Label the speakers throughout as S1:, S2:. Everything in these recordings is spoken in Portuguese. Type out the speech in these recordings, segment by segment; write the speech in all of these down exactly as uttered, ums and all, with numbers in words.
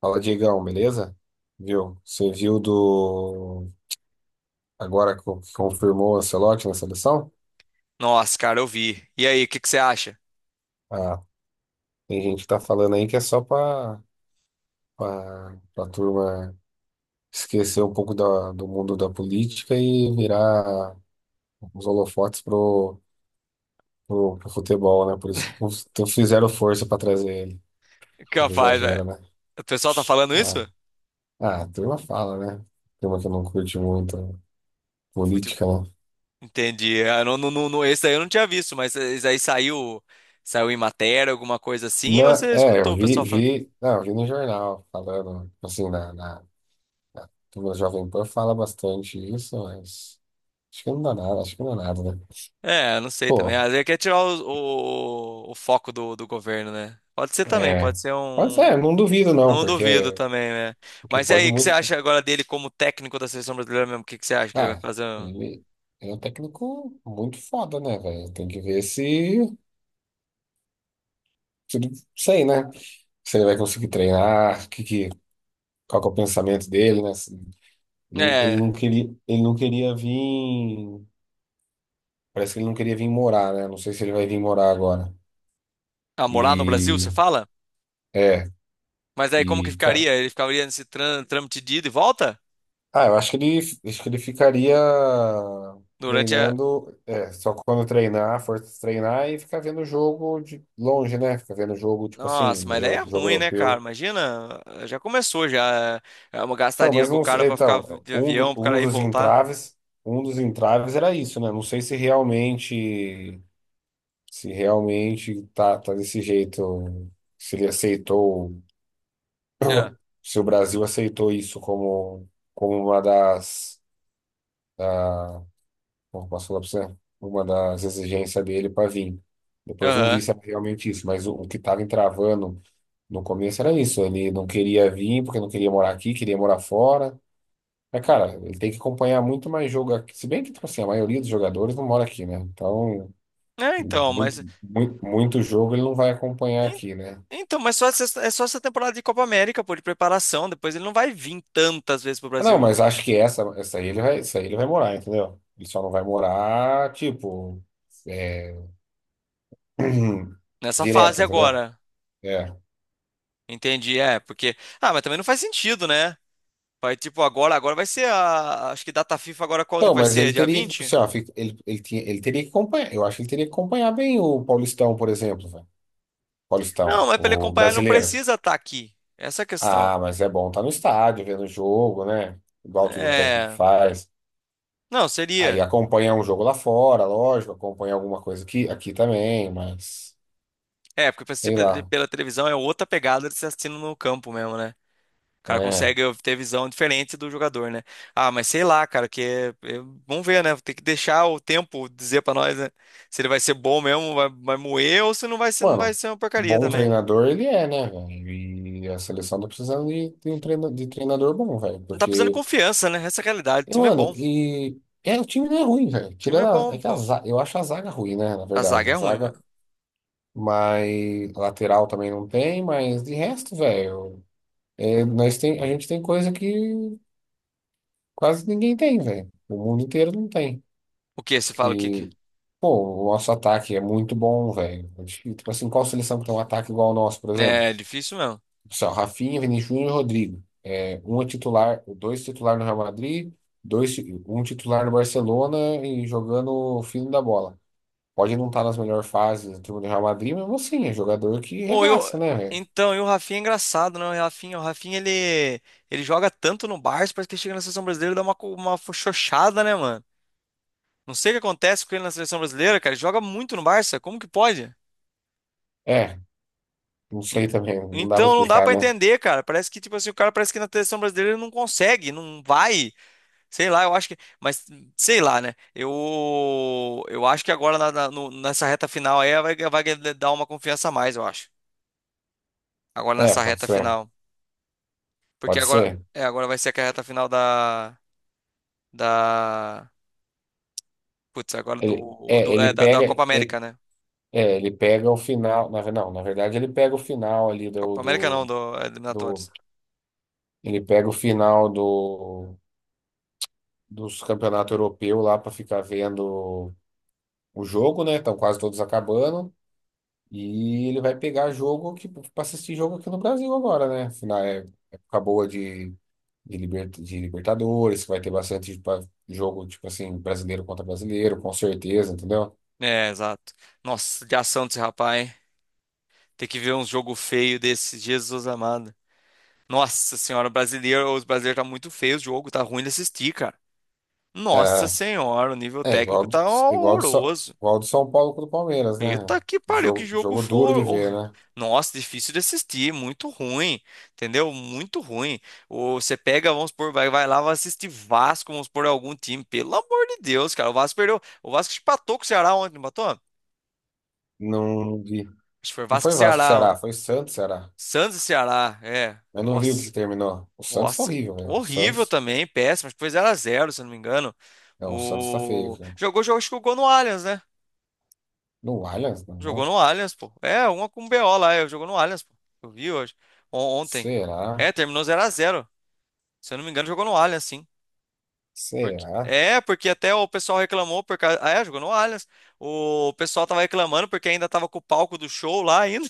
S1: Fala, Diegão, beleza? Viu? Você viu do. Agora co- que confirmou o Ancelotti na seleção?
S2: Nossa, cara, eu vi. E aí, o que que você acha?
S1: Ah, tem gente que tá falando aí que é só pra, pra, pra turma esquecer um pouco da, do mundo da política e virar os holofotes pro, pro, pro futebol, né? Por isso que cons- então fizeram força pra trazer ele. Um pouco
S2: Capaz, velho.
S1: exagero, né?
S2: O pessoal tá falando
S1: Ah,
S2: isso? Eu
S1: ah, a turma fala, né? Turma que não curte muito
S2: falei, tipo.
S1: política, né?
S2: Entendi. Ah, não, não, não, não- esse daí eu não tinha visto, mas esse aí saiu, saiu em matéria, alguma coisa assim, ou
S1: Na,
S2: você
S1: é, eu
S2: escutou o
S1: vi,
S2: pessoal falando?
S1: vi, não, eu vi no jornal falando, assim, na, na, na turma do Jovem Pan fala bastante isso, mas acho que não dá nada, acho que não dá nada, né?
S2: É, eu não sei também.
S1: Pô,
S2: Às vezes quer tirar o, o, o foco do, do governo, né? Pode ser também,
S1: é,
S2: pode ser
S1: pode
S2: um.
S1: ser, não duvido não,
S2: Não duvido
S1: porque,
S2: também, né?
S1: porque
S2: Mas e
S1: pode
S2: aí, o que você
S1: muito,
S2: acha agora dele como técnico da seleção brasileira mesmo? O que que você acha que ele vai
S1: ah,
S2: fazer?
S1: ele, ele é um técnico muito foda, né, velho? Tem que ver se, se, ele- sei, né? Se ele vai conseguir treinar, que, que, qual que é o pensamento dele, né? Se- Ele
S2: É,
S1: não queria, ele não queria vir. Parece que ele não queria vir morar, né? Não sei se ele vai vir morar agora.
S2: a morar no Brasil, você
S1: E
S2: fala?
S1: é,
S2: Mas aí como que
S1: e cara,
S2: ficaria? Ele ficaria nesse tran- trâmite de ida e volta?
S1: ah, eu acho que ele, acho que ele ficaria
S2: Durante a.
S1: treinando, é, só quando treinar, for treinar e ficar vendo o jogo de longe, né? Ficar vendo o jogo tipo assim,
S2: Nossa, mas daí
S1: eu-
S2: é
S1: jogo
S2: ruim, né, cara?
S1: europeu.
S2: Imagina, já começou já é é uma gastar
S1: Então,
S2: dinheiro
S1: mas
S2: com o
S1: não,
S2: cara
S1: sei-
S2: pra ficar
S1: então,
S2: de
S1: um, do-
S2: avião, pro
S1: um
S2: cara ir e
S1: dos
S2: voltar.
S1: entraves, um dos entraves era isso, né? Não sei se realmente, se realmente tá, tá desse jeito, se ele aceitou.
S2: É.
S1: Se o Brasil aceitou isso como, como uma das, da, como posso falar pra você? Uma das exigências dele para vir. Depois não vi
S2: Aham.
S1: se era realmente isso, mas o, o que estava entravando no começo era isso. Ele não queria vir porque não queria morar aqui, queria morar fora. Mas, cara, ele tem que acompanhar muito mais jogo aqui. Se bem que, tipo assim, a maioria dos jogadores não mora aqui, né? Então,
S2: É, então,
S1: muito,
S2: mas
S1: muito, muito jogo ele não vai acompanhar
S2: en-
S1: aqui, né?
S2: então, mas só essa, é só essa temporada de Copa América, pô, de preparação, depois ele não vai vir tantas vezes pro
S1: Ah, não,
S2: Brasil
S1: mas acho que essa, essa aí ele vai, essa aí ele vai morar, entendeu? Ele só não vai morar, tipo, é,
S2: nessa
S1: direto,
S2: fase
S1: entendeu?
S2: agora.
S1: É.
S2: Entendi, é, porque ah, mas também não faz sentido, né? Vai tipo agora, agora vai ser a acho que data FIFA agora quando
S1: Não,
S2: que vai
S1: mas
S2: ser?
S1: ele
S2: Dia
S1: teria que, tipo
S2: vinte.
S1: assim, ó, fica- ele, ele, tinha, ele teria que acompanhar, eu acho que ele teria que acompanhar bem o Paulistão, por exemplo, velho.
S2: Não,
S1: Paulistão,
S2: mas para ele
S1: o
S2: acompanhar, ele não
S1: brasileiro.
S2: precisa estar aqui. Essa é a questão.
S1: Ah, mas é bom estar no estádio, vendo o jogo, né? Igual tudo o técnico
S2: É.
S1: faz.
S2: Não,
S1: Aí
S2: seria.
S1: acompanha um jogo lá fora, lógico, acompanha alguma coisa aqui, aqui também, mas
S2: É, porque pra assistir
S1: sei
S2: pela
S1: lá.
S2: pela televisão é outra pegada de se assistindo no campo mesmo, né? O cara
S1: É.
S2: consegue ter visão diferente do jogador, né? Ah, mas sei lá, cara, que é- é- vamos ver, né? Tem que deixar o tempo dizer pra nós, né? Se ele vai ser bom mesmo, vai, vai moer, ou se não vai ser, não vai
S1: Mano,
S2: ser uma porcaria
S1: bom
S2: também, né?
S1: treinador ele é, né, velho? E a seleção tá precisando de, de um treina, de treinador bom, velho.
S2: Não tá precisando de
S1: Porque
S2: confiança, né? Essa é a realidade. O
S1: e,
S2: time é
S1: mano,
S2: bom. O
S1: e é, o time não é ruim, velho.
S2: time é
S1: Tirando a,
S2: bom,
S1: é que a
S2: pô.
S1: zaga, eu acho a zaga ruim, né, na
S2: A
S1: verdade.
S2: zaga é
S1: A
S2: ruim,
S1: zaga,
S2: mano.
S1: mas a lateral também não tem, mas de resto, velho, é, nós tem, a gente tem coisa que quase ninguém tem, velho. O mundo inteiro não tem.
S2: O quê? Você fala o quê?
S1: E,
S2: que-
S1: pô, o nosso ataque é muito bom, velho. Tipo assim, qual seleção que tem um ataque igual ao nosso, por exemplo?
S2: É É difícil mesmo.
S1: Só Rafinha, Vinícius Júnior e Rodrigo. É, um é titular, dois titular no Real Madrid, dois, ti- um titular no Barcelona e jogando o fino da bola. Pode não estar nas melhores fases do time do Real Madrid, mas assim, é jogador que
S2: Ou eu...
S1: regaça, né, velho?
S2: Então, e o Rafinha é engraçado, né? O Rafinha, o Rafinha ele, ele joga tanto no Barça, parece que ele chega na seleção brasileira e dá uma, co- uma xoxada, né, mano? Não sei o que acontece com ele na seleção brasileira, cara. Ele joga muito no Barça, como que pode?
S1: É, não sei
S2: Ent-
S1: também, não dá pra
S2: Então, não dá
S1: explicar,
S2: pra
S1: né?
S2: entender, cara. Parece que, tipo assim, o cara parece que na seleção brasileira ele não consegue, não vai. Sei lá, eu acho que. Mas, sei lá, né? Eu, eu acho que agora na- na- no- nessa reta final aí vai, vai dar uma confiança a mais, eu acho. Agora
S1: É,
S2: nessa
S1: pode
S2: reta
S1: ser,
S2: final. Porque
S1: pode
S2: agora,
S1: ser.
S2: é, agora vai ser a reta final da, da, putz, agora
S1: Ele,
S2: do,
S1: é,
S2: do, é,
S1: ele
S2: da, da Copa
S1: pega,
S2: América,
S1: ele,
S2: né?
S1: é, ele pega o final, na, ve- não, na verdade ele pega o final ali do,
S2: Copa América não,
S1: do,
S2: do é,
S1: do
S2: eliminatórias.
S1: ele pega o final do dos campeonatos europeus lá para ficar vendo o jogo, né? Estão quase todos acabando. E ele vai pegar jogo que para assistir jogo aqui no Brasil agora, né? Afinal, é época boa de, de, liber- de Libertadores, que vai ter bastante pa- jogo, tipo assim, brasileiro contra brasileiro, com certeza, entendeu?
S2: É, exato. Nossa, de ação desse rapaz, hein? Tem que ver um jogo feio desse, Jesus amado. Nossa senhora, o brasileiro, os brasileiros tá muito feio o jogo, tá ruim de assistir, cara. Nossa
S1: É,
S2: senhora, o nível
S1: é
S2: técnico
S1: igual do,
S2: tá
S1: igual do, São-
S2: horroroso.
S1: igual do São Paulo com o do Palmeiras, né?
S2: Eita que pariu, que
S1: Jogo,
S2: jogo
S1: jogo duro
S2: for.
S1: de ver,
S2: hor-
S1: né?
S2: Nossa, difícil de assistir, muito ruim, entendeu? Muito ruim. Ou você pega, vamos supor, vai, vai lá, vai assistir Vasco, vamos supor, algum time. Pelo amor de Deus, cara, o Vasco perdeu. O Vasco empatou com o Ceará ontem, não empatou? Acho
S1: Não, de-
S2: que foi
S1: não
S2: Vasco e
S1: foi Vasco,
S2: Ceará, ó.
S1: Ceará, foi Santos, Ceará.
S2: Santos e Ceará, é.
S1: Eu não vi o que
S2: Nossa,
S1: terminou. O Santos tá
S2: nossa.
S1: horrível, velho. O
S2: Horrível
S1: Santos.
S2: também, péssimo. Acho que foi zero a zero, se eu não me engano.
S1: Não, o Santos tá feio,
S2: O...
S1: cara.
S2: Jogou, jogou, acho que jogou no Allianz, né?
S1: No Allianz, não.
S2: Jogou
S1: não.
S2: no Allianz, pô. É, uma com o B O lá, é, jogou no Allianz, pô. Eu vi hoje, on- ontem.
S1: Será?
S2: É, terminou zero a zero. Se eu não me engano, jogou no Allianz, sim. Porque,
S1: Será?
S2: é, porque até o pessoal reclamou por causa. Ah, é, jogou no Allianz. O pessoal tava reclamando porque ainda tava com o palco do show lá ainda.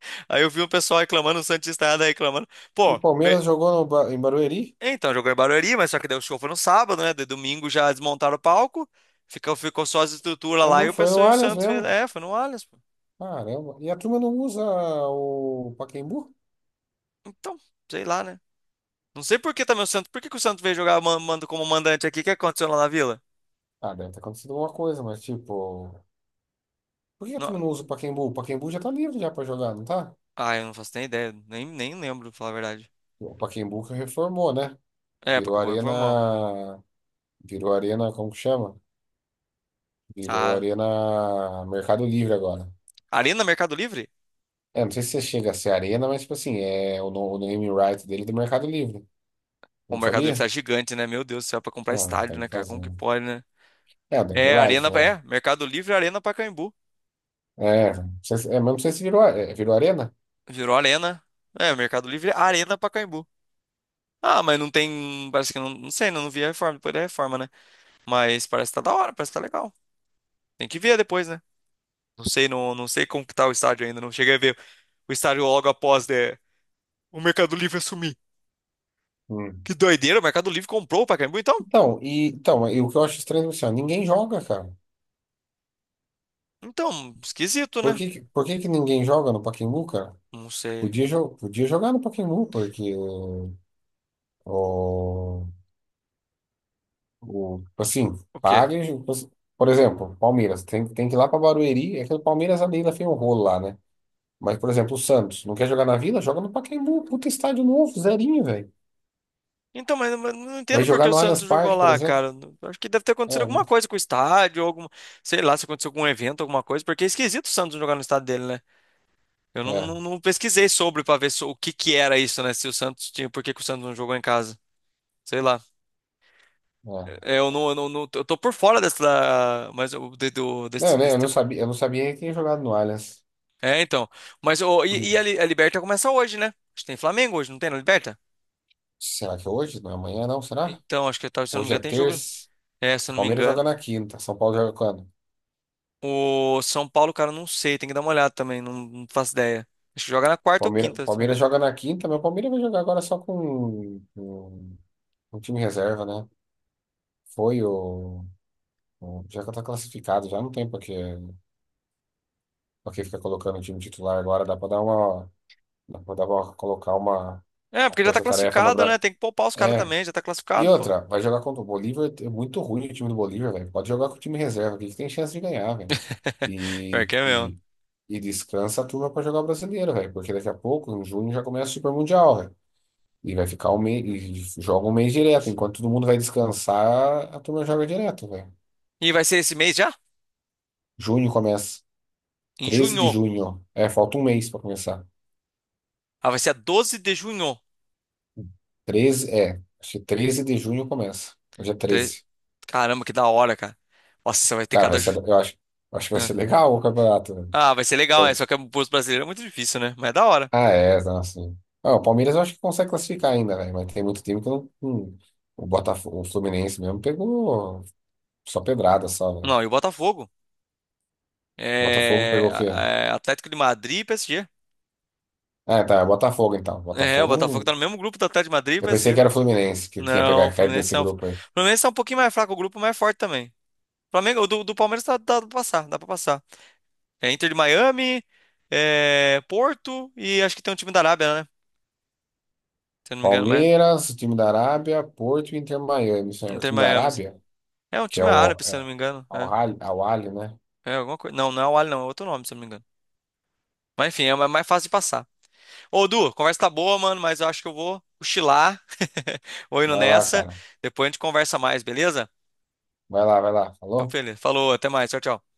S2: Aí eu vi o pessoal reclamando, o Santista ainda reclamando.
S1: E o
S2: Pô, me-
S1: Palmeiras jogou no Ba- em Barueri?
S2: então, jogou em Barueri, mas só que daí o show foi no sábado, né? De domingo já desmontaram o palco. Ficou, ficou só as estruturas
S1: É,
S2: lá
S1: não
S2: e o
S1: foi no
S2: pessoal e o
S1: Allianz
S2: Santos fez.
S1: mesmo.
S2: É, foi no Allianz, pô.
S1: Caramba. E a turma não usa o Pacaembu?
S2: Então, sei lá, né? Não sei por que também o Santos. Por que que o Santos veio jogar man- mando como mandante aqui? O que aconteceu lá na Vila?
S1: Ah, deve ter acontecido alguma coisa, mas tipo. Por que a
S2: Não...
S1: turma não usa o Pacaembu? O Pacaembu já tá livre já pra jogar, não tá?
S2: Ah, eu não faço nem ideia. Nem, nem lembro, pra falar a verdade.
S1: O Pacaembu que reformou, né?
S2: É,
S1: Virou
S2: porque acabou informal.
S1: Arena. Virou Arena, como que chama? Virou
S2: Ah,
S1: Arena Mercado Livre agora.
S2: Arena Mercado Livre?
S1: É, não sei se chega a ser arena, mas tipo assim, é o, no- o name right dele é do Mercado Livre.
S2: O
S1: Não
S2: Mercado Livre
S1: sabia?
S2: tá gigante, né? Meu Deus do céu, pra comprar
S1: Não,
S2: estádio,
S1: tem
S2: né,
S1: que
S2: cara?
S1: fazer,
S2: Como que
S1: né?
S2: pode, né?
S1: É, o name
S2: É,
S1: right,
S2: Arena.
S1: né?
S2: É, Mercado Livre, Arena Pacaembu.
S1: É, não sei se- é, mas não sei se virou, a- é, virou arena.
S2: Virou Arena. É, Mercado Livre, Arena Pacaembu. Ah, mas não tem. Parece que não. Não sei, não, não vi a reforma, depois da reforma, né? Mas parece que tá da hora, parece que tá legal. Tem que ver depois, né? Não sei, não, não sei como que tá o estádio ainda, não cheguei a ver. O estádio logo após né, o Mercado Livre assumir.
S1: Hum.
S2: Que doideira, o Mercado Livre comprou o Pacaembu, então?
S1: Então, e, então, e o que eu acho estranho é assim, ó, ninguém joga, cara.
S2: Então, esquisito,
S1: Por
S2: né?
S1: que, que- por que que ninguém joga no Pacaembu, cara?
S2: Não sei.
S1: Podia, jo- podia jogar no Pacaembu, porque o, o, o- tipo assim,
S2: O quê?
S1: paga. e- Por exemplo, Palmeiras, tem, tem que ir lá pra Barueri, é que o Palmeiras ali ainda fez um rolo lá, né? Mas, por exemplo, o Santos não quer jogar na Vila? Joga no Pacaembu. Puta estádio novo, zerinho, velho.
S2: Então, mas, mas não
S1: Vai
S2: entendo por que
S1: jogar
S2: o
S1: no Allianz
S2: Santos jogou
S1: Parque, por
S2: lá,
S1: exemplo?
S2: cara. Acho que deve ter acontecido
S1: É,
S2: alguma coisa com o estádio, alguma, sei lá, se aconteceu algum evento, alguma coisa, porque é esquisito o Santos jogar no estádio dele, né? Eu
S1: é,
S2: não,
S1: é.
S2: não- não pesquisei sobre pra ver so- o que que era isso, né? Se o Santos tinha, por que que o Santos não jogou em casa? Sei lá. É, Eu não, eu não, não- eu tô por fora dessa, mas eu, de- do- desse,
S1: Não, eu
S2: desse
S1: eu não sabia, eu não sabia que tinha jogado no Allianz.
S2: É, então. Mas ô, e, e a, Li- a Liberta começa hoje, né? Acho que tem Flamengo hoje, não tem na Liberta?
S1: Será que é hoje? Não é amanhã, não? Será?
S2: Então, acho que tá- se eu não me
S1: Hoje é
S2: engano, tem jogo.
S1: terça.
S2: É, se
S1: O
S2: eu não me
S1: Palmeiras joga
S2: engano.
S1: na quinta. São Paulo joga quando?
S2: O São Paulo, cara, não sei, tem que dar uma olhada também, não, não faço ideia. Acho que joga na quarta ou
S1: Palmeiras
S2: quinta também.
S1: Palmeiras, joga na quinta, mas o Palmeiras vai jogar agora só com, com, com o time reserva, né? Foi o, o- Já que tá classificado, já não tem pra que, pra que ficar colocando o time titular agora. Dá pra dar uma. Mandava colocar uma,
S2: É,
S1: uma
S2: porque já tá
S1: força-tarefa no
S2: classificado,
S1: Brasil.
S2: né? Tem que poupar os caras
S1: É.
S2: também, já tá
S1: E
S2: classificado, pô.
S1: outra, vai jogar contra o Bolívar. É muito ruim o time do Bolívar, velho. Pode jogar com o time reserva, que ele tem chance de ganhar, velho.
S2: Pior
S1: E,
S2: que é mesmo.
S1: e, e descansa a turma pra jogar o brasileiro, velho. Porque daqui a pouco, em junho, já começa o Super Mundial, velho. E vai ficar um mês, e joga um mês direto. Enquanto todo mundo vai descansar, a turma joga direto, velho.
S2: E vai ser esse mês já?
S1: Junho começa.
S2: Em
S1: treze de
S2: junho.
S1: junho. É, falta um mês pra começar.
S2: Ah, vai ser a doze de junho.
S1: Treze é. Acho que treze de junho começa. Hoje é
S2: Tre-
S1: treze.
S2: Caramba, que da hora, cara. Nossa, vai ter
S1: Cara, vai
S2: cada.
S1: ser,
S2: ju-
S1: eu acho, eu acho que vai ser
S2: Ah,
S1: legal o campeonato, velho.
S2: Ah, vai ser legal, é.
S1: Pro-
S2: Só que pros brasileiros é muito difícil, né? Mas é da hora.
S1: Ah, é, nossa. Ah, o Palmeiras eu acho que consegue classificar ainda, velho, mas tem muito time que não. não- O Botafogo, o Fluminense mesmo pegou só pedrada, só, velho.
S2: Não, e o Botafogo?
S1: Botafogo
S2: É,
S1: pegou o quê?
S2: é Atlético de Madrid e P S G.
S1: Ah, tá, é Botafogo então.
S2: É, o
S1: Botafogo
S2: Botafogo tá
S1: não.
S2: no mesmo grupo do Atlético de Madrid e
S1: Eu pensei que
S2: P S G.
S1: era o Fluminense que tinha
S2: Não, o
S1: pegado caído
S2: Fluminense
S1: nesse
S2: não. O
S1: grupo aí.
S2: Fluminense tá um pouquinho mais fraco, o grupo mais forte também. Flamengo, o do, do Palmeiras tá, dá pra passar, dá pra passar. É Inter de Miami, é Porto e acho que tem um time da Arábia, né? Se eu não me engano, mas
S1: Palmeiras, o time da Arábia, Porto e Inter Miami. Isso aí. O
S2: Inter de
S1: time da
S2: Miami.
S1: Arábia,
S2: É um
S1: que é
S2: time
S1: o
S2: árabe, se
S1: é,
S2: eu não me engano.
S1: Al Ahly, Al Ahly, né?
S2: É, é alguma coisa. Não, não é o Al, não, é outro nome, se eu não me engano. Mas enfim, é mais mais fácil de passar. Ô, Du, conversa tá boa, mano, mas eu acho que eu vou cochilar. Vou indo
S1: Vai lá,
S2: nessa.
S1: cara.
S2: Depois a gente conversa mais, beleza?
S1: Vai lá, vai lá.
S2: Então,
S1: Falou?
S2: feliz. Falou, até mais. Tchau, tchau.